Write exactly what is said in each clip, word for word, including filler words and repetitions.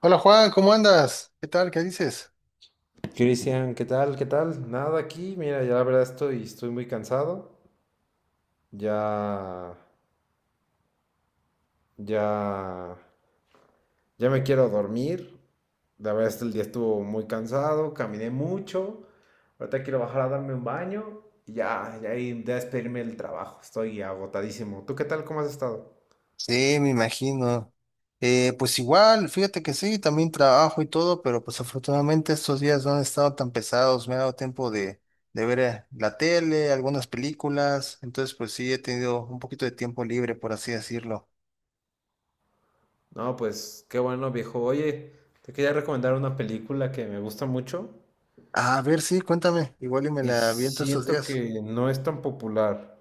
Hola Juan, ¿cómo andas? ¿Qué tal? ¿Qué dices? Cristian, ¿qué tal? ¿Qué tal? Nada aquí. Mira, ya la verdad estoy, estoy muy cansado. Ya, ya, ya me quiero dormir. La verdad es que el día estuvo muy cansado, caminé mucho. Ahorita quiero bajar a darme un baño y ya, ya ir a despedirme del trabajo. Estoy agotadísimo. ¿Tú qué tal? ¿Cómo has estado? Sí, me imagino. Eh, pues igual, fíjate que sí, también trabajo y todo, pero pues afortunadamente estos días no han estado tan pesados, me ha dado tiempo de, de ver eh, la tele, algunas películas, entonces pues sí, he tenido un poquito de tiempo libre, por así decirlo. No, pues qué bueno, viejo. Oye, te quería recomendar una película que me gusta mucho A ver, sí, cuéntame, igual y me y la aviento estos siento días. que no es tan popular.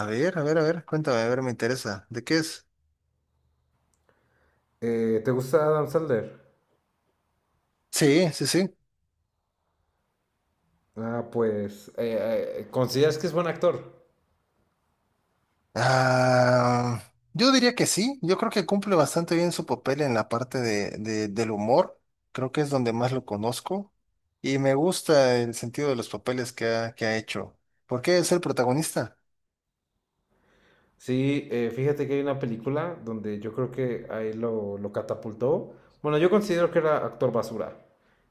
A ver, a ver, a ver, cuéntame, a ver, me interesa. ¿De qué es? Eh, ¿te gusta Adam Sandler? Sí, sí, sí. Ah, pues, eh, eh, ¿consideras que es buen actor? Ah, yo diría que sí, yo creo que cumple bastante bien su papel en la parte de, de- del humor, creo que es donde más lo conozco y me gusta el sentido de los papeles que ha, que ha hecho, porque es el protagonista. Sí, eh, fíjate que hay una película donde yo creo que ahí lo, lo catapultó. Bueno, yo considero que era actor basura,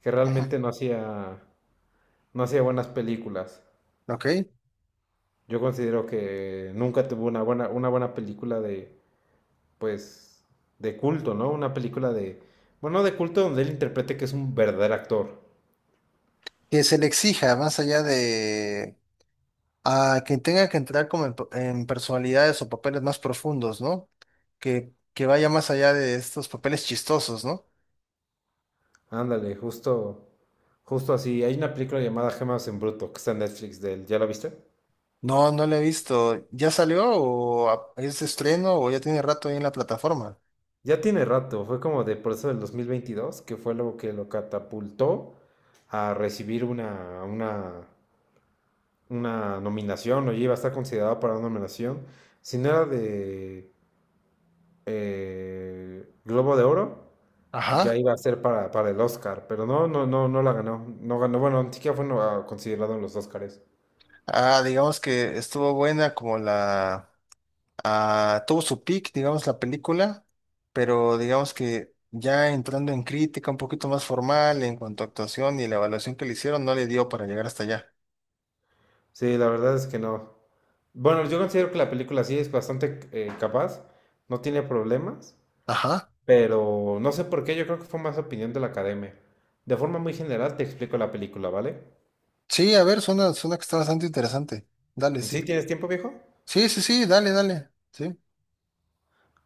que realmente no hacía, no hacía buenas películas. ¿Ok? Yo considero que nunca tuvo una buena una buena película de, pues, de culto, ¿no? Una película de, bueno, de culto donde él interprete que es un verdadero actor. Que se le exija más allá de a quien tenga que entrar como en, en personalidades o papeles más profundos, ¿no? Que, que vaya más allá de estos papeles chistosos, ¿no? Ándale, justo, justo así. Hay una película llamada Gemas en Bruto, que está en Netflix de él. ¿Ya la viste? No, no la he visto. ¿Ya salió o a- es de estreno o ya tiene rato ahí en la plataforma? Ya tiene rato, fue como de por eso del dos mil veintidós que fue lo que lo catapultó a recibir una, una, una nominación, o ya iba a estar considerado para una nominación. Si no era de eh, Globo de Oro, ya Ajá. iba a ser para, para el Oscar, pero no, no, no, no la ganó. No ganó, bueno, ni siquiera fue no- considerado en los Oscars. Ah, digamos que estuvo buena como la... ah, tuvo su peak, digamos, la película, pero digamos que ya entrando en crítica un poquito más formal en cuanto a actuación y la evaluación que le hicieron, no le dio para llegar hasta allá. Sí, la verdad es que no. Bueno, yo considero que la película sí es bastante eh, capaz, no tiene problemas. Ajá. Pero no sé por qué, yo creo que fue más opinión de la academia. De forma muy general te explico la película, ¿vale? Sí, a ver, suena, suena que está bastante interesante. Dale, ¿Sí sí. tienes tiempo, viejo? Sí, sí, sí, dale, dale. Sí.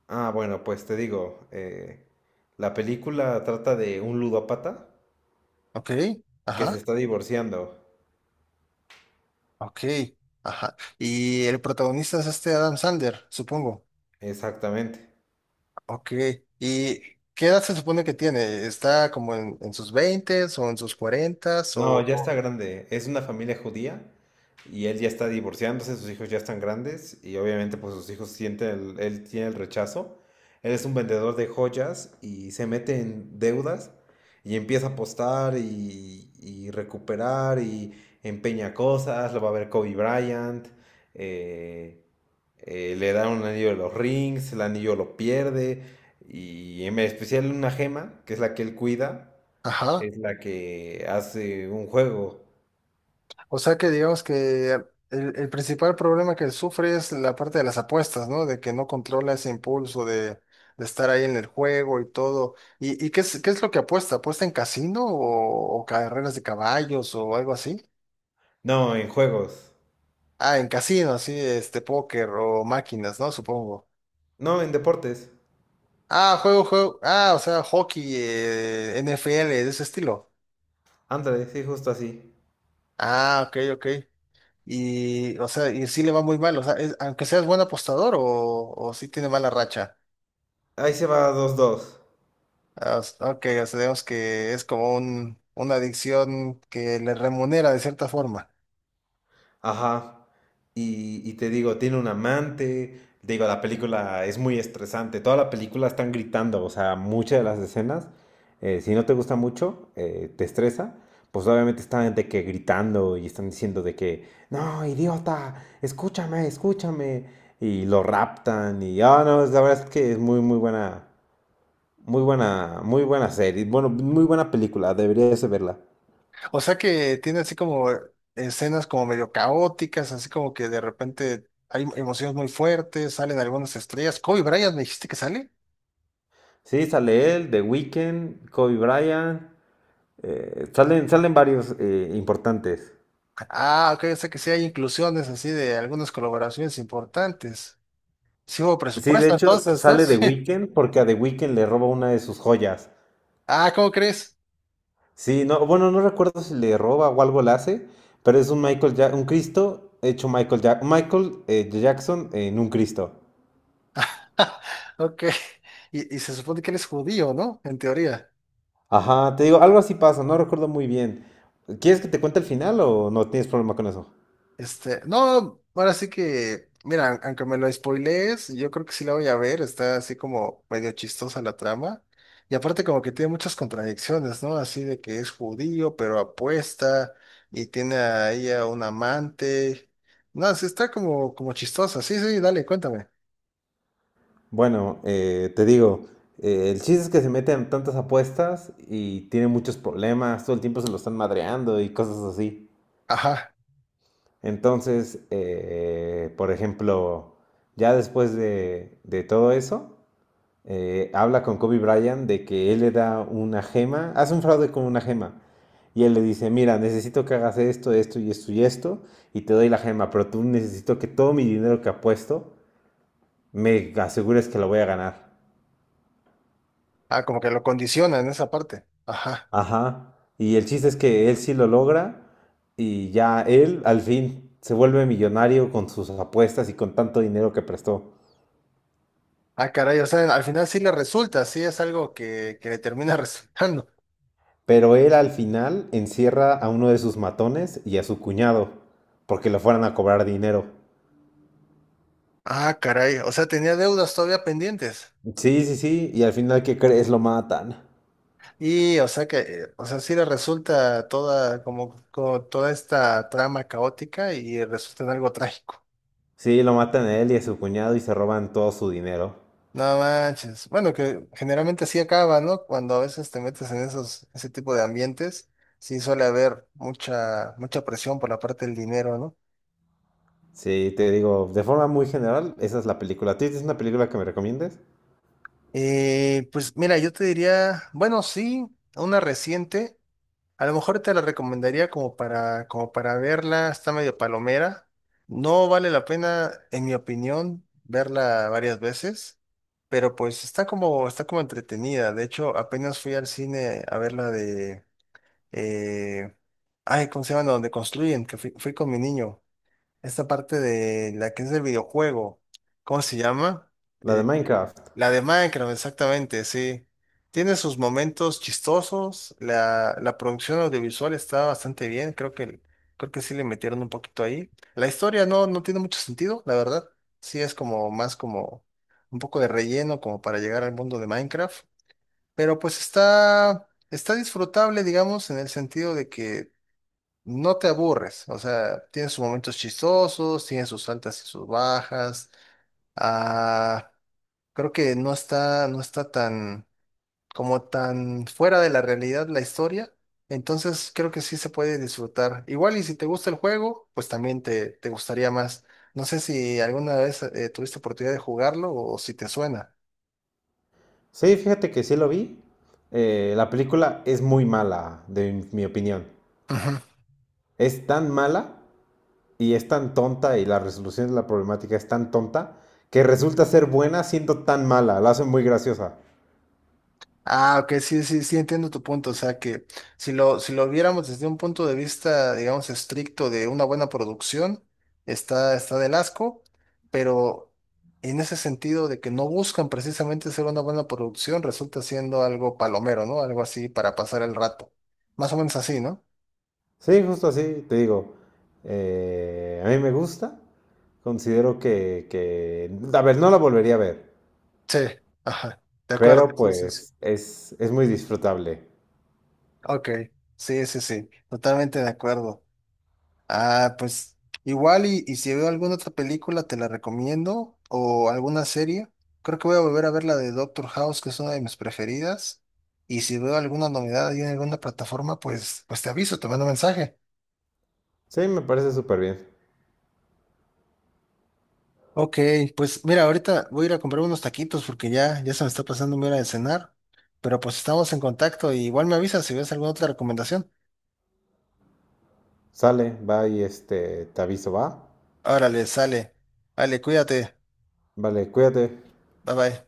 Ah, bueno, pues te digo, eh, la película trata de un ludópata Ok. que se Ajá. está divorciando. Ok, ajá. Y el protagonista es este Adam Sandler, supongo. Exactamente. Ok. ¿Y qué edad se supone que tiene? ¿Está como en, en sus veintes o en sus cuarentas? No, O, ya o está grande. Es una familia judía y él ya está divorciándose, sus hijos ya están grandes y obviamente pues sus hijos sienten, el- él tiene el rechazo. Él es un vendedor de joyas y se mete en deudas y empieza a apostar y, y recuperar y empeña cosas, lo va a ver Kobe Bryant, eh, eh, le da un anillo de los rings, el anillo lo pierde y en especial una gema, que es la que él cuida, Ajá. es la que hace un juego. O sea que digamos que el, el principal problema que sufre es la parte de las apuestas, ¿no? De que no controla ese impulso de, de estar ahí en el juego y todo. ¿Y, ¿y qué es, qué es lo que apuesta? ¿Apuesta en casino o, o carreras de caballos o algo así? No, en juegos. Ah, en casino, sí, este, póker o máquinas, ¿no? Supongo. No, en deportes. Ah, juego, juego. Ah, o sea, hockey, eh, N F L, de ese estilo. Ándale, sí, justo así. Ah, ok, ok. Y, o sea, y sí le va muy mal, o sea, es- aunque seas buen apostador o, o sí tiene mala racha. Ahí se va dos dos. Ah, s- ok, o sea, digamos que es como un, una adicción que le remunera de cierta forma. Ajá. Y, y te digo, tiene un amante. Digo, la película es muy estresante. Toda la película están gritando. O sea, muchas de las escenas, eh, si no te gusta mucho, eh, te estresa. Pues obviamente están de que gritando y están diciendo de que, no, idiota, escúchame, escúchame. Y lo raptan y, ah, no, es- la verdad es que es muy, muy buena, muy buena, muy buena serie. Bueno, muy buena película, deberías de verla. O sea que tiene así como escenas como medio caóticas, así como que de repente hay emociones muy fuertes, salen algunas estrellas. Kobe Bryant, ¿me dijiste que sale? Sí, sale él, The Weeknd, Kobe Bryant. Eh, salen, salen varios eh, importantes. Ah, ok, o sea que sí hay inclusiones así de algunas colaboraciones importantes. Sí hubo Sí, de presupuesto hecho, entonces, ¿no? sale The Sí. Weeknd porque a The Weeknd le roba una de sus joyas. Ah, ¿cómo crees? Sí, no, bueno, no recuerdo si le roba o algo le hace, pero es un Michael Ja- un Cristo hecho Michael Ja- Michael eh, Jackson en un Cristo. Ok. Y, y se supone que él es judío, ¿no? En teoría. Ajá, te digo, algo así pasa, no recuerdo muy bien. ¿Quieres que te cuente el final o no tienes problema con eso? Este, no, ahora sí que, mira, aunque me lo spoilees, yo creo que sí la voy a ver, está así como medio chistosa la trama. Y aparte como que tiene muchas contradicciones, ¿no? Así de que es judío, pero apuesta y tiene a ella un amante. No, sí está como, como chistosa. Sí, sí, dale, cuéntame. Bueno, eh, te digo, eh, el chiste es que se meten en tantas apuestas y tiene muchos problemas, todo el tiempo se lo están madreando y cosas así. Ajá. Entonces, eh, por ejemplo, ya después de, de todo eso, eh, habla con Kobe Bryant de que él le da una gema, hace un fraude con una gema. Y él le dice, mira, necesito que hagas esto, esto y esto y esto, y te doy la gema, pero tú necesito que todo mi dinero que apuesto me asegures que lo voy a ganar. Ah, como que lo condiciona en esa parte. Ajá. Ajá. Y el chiste es que él sí lo logra y ya él al fin se vuelve millonario con sus apuestas y con tanto dinero que prestó. Ah, caray, o sea, al final sí le resulta, sí es algo que, que le termina resultando. Pero él al final encierra a uno de sus matones y a su cuñado, porque lo fueran a cobrar dinero. Ah, caray, o sea, tenía deudas todavía pendientes. Sí, sí, sí, y al final, ¿qué crees? Lo matan. Y, o sea que, eh, o sea, sí le resulta toda, como, como toda esta trama caótica y resulta en algo trágico. Sí, lo matan a él y a su cuñado y se roban todo su dinero. No manches. Bueno, que generalmente así acaba, ¿no? Cuando a veces te metes en esos, ese tipo de ambientes, sí suele haber mucha, mucha presión por la parte del dinero, ¿no? Sí, te digo, de forma muy general, esa es la película. ¿Tú tienes una película que me recomiendes? Eh, pues mira, yo te diría, bueno, sí, una reciente. A lo mejor te la recomendaría como para, como para verla, está medio palomera. No vale la pena, en mi opinión, verla varias veces, pero pues está como, está como entretenida. De hecho, apenas fui al cine a ver la de, eh, ay, ¿cómo se llama? Donde construyen, que fui, fui con mi niño. Esta parte de la que es del videojuego, ¿cómo se llama? La de Minecraft. La de Minecraft, exactamente, sí. Tiene sus momentos chistosos. La, la producción audiovisual está bastante bien. Creo que, creo que sí le metieron un poquito ahí. La historia no, no tiene mucho sentido, la verdad. Sí es como más como un poco de relleno como para llegar al mundo de Minecraft. Pero pues está, está disfrutable, digamos, en el sentido de que no te aburres. O sea, tiene sus momentos chistosos, tiene sus altas y sus bajas. Ah. Creo que no está, no está tan, como tan fuera de la realidad la historia. Entonces creo que sí se puede disfrutar. Igual y si te gusta el juego, pues también te, te gustaría más. No sé si alguna vez eh, tuviste oportunidad de jugarlo o si te suena. Sí, fíjate que sí lo vi. Eh, la película es muy mala, de mi opinión. Ujú. Es tan mala y es tan tonta y la resolución de la problemática es tan tonta que resulta ser buena siendo tan mala, la hacen muy graciosa. Ah, ok, sí, sí, sí, entiendo tu punto. O sea, que si lo, si lo viéramos desde un punto de vista, digamos, estricto de una buena producción, está, está del asco, pero en ese sentido de que no buscan precisamente ser una buena producción, resulta siendo algo palomero, ¿no? Algo así para pasar el rato. Más o menos así, ¿no? Sí, justo así, te digo, eh, a mí me gusta, considero que, que, a ver, no la volvería a ver, Sí, ajá, de acuerdo. pero Sí, sí, sí. pues es, es muy disfrutable. Ok, sí, sí, sí, totalmente de acuerdo. Ah, pues igual y, y si veo alguna otra película te la recomiendo o alguna serie. Creo que voy a volver a ver la de Doctor House, que es una de mis preferidas. Y si veo alguna novedad ahí en alguna plataforma, pues, pues te aviso, te mando mensaje. Sí, me parece súper bien. Ok, pues mira, ahorita voy a ir a comprar unos taquitos porque ya, ya se me está pasando mi hora de cenar. Pero pues estamos en contacto y igual me avisas si ves alguna otra recomendación. Sale, va y este, te aviso, va. Órale, sale. Vale, cuídate. Vale, cuídate. Bye bye.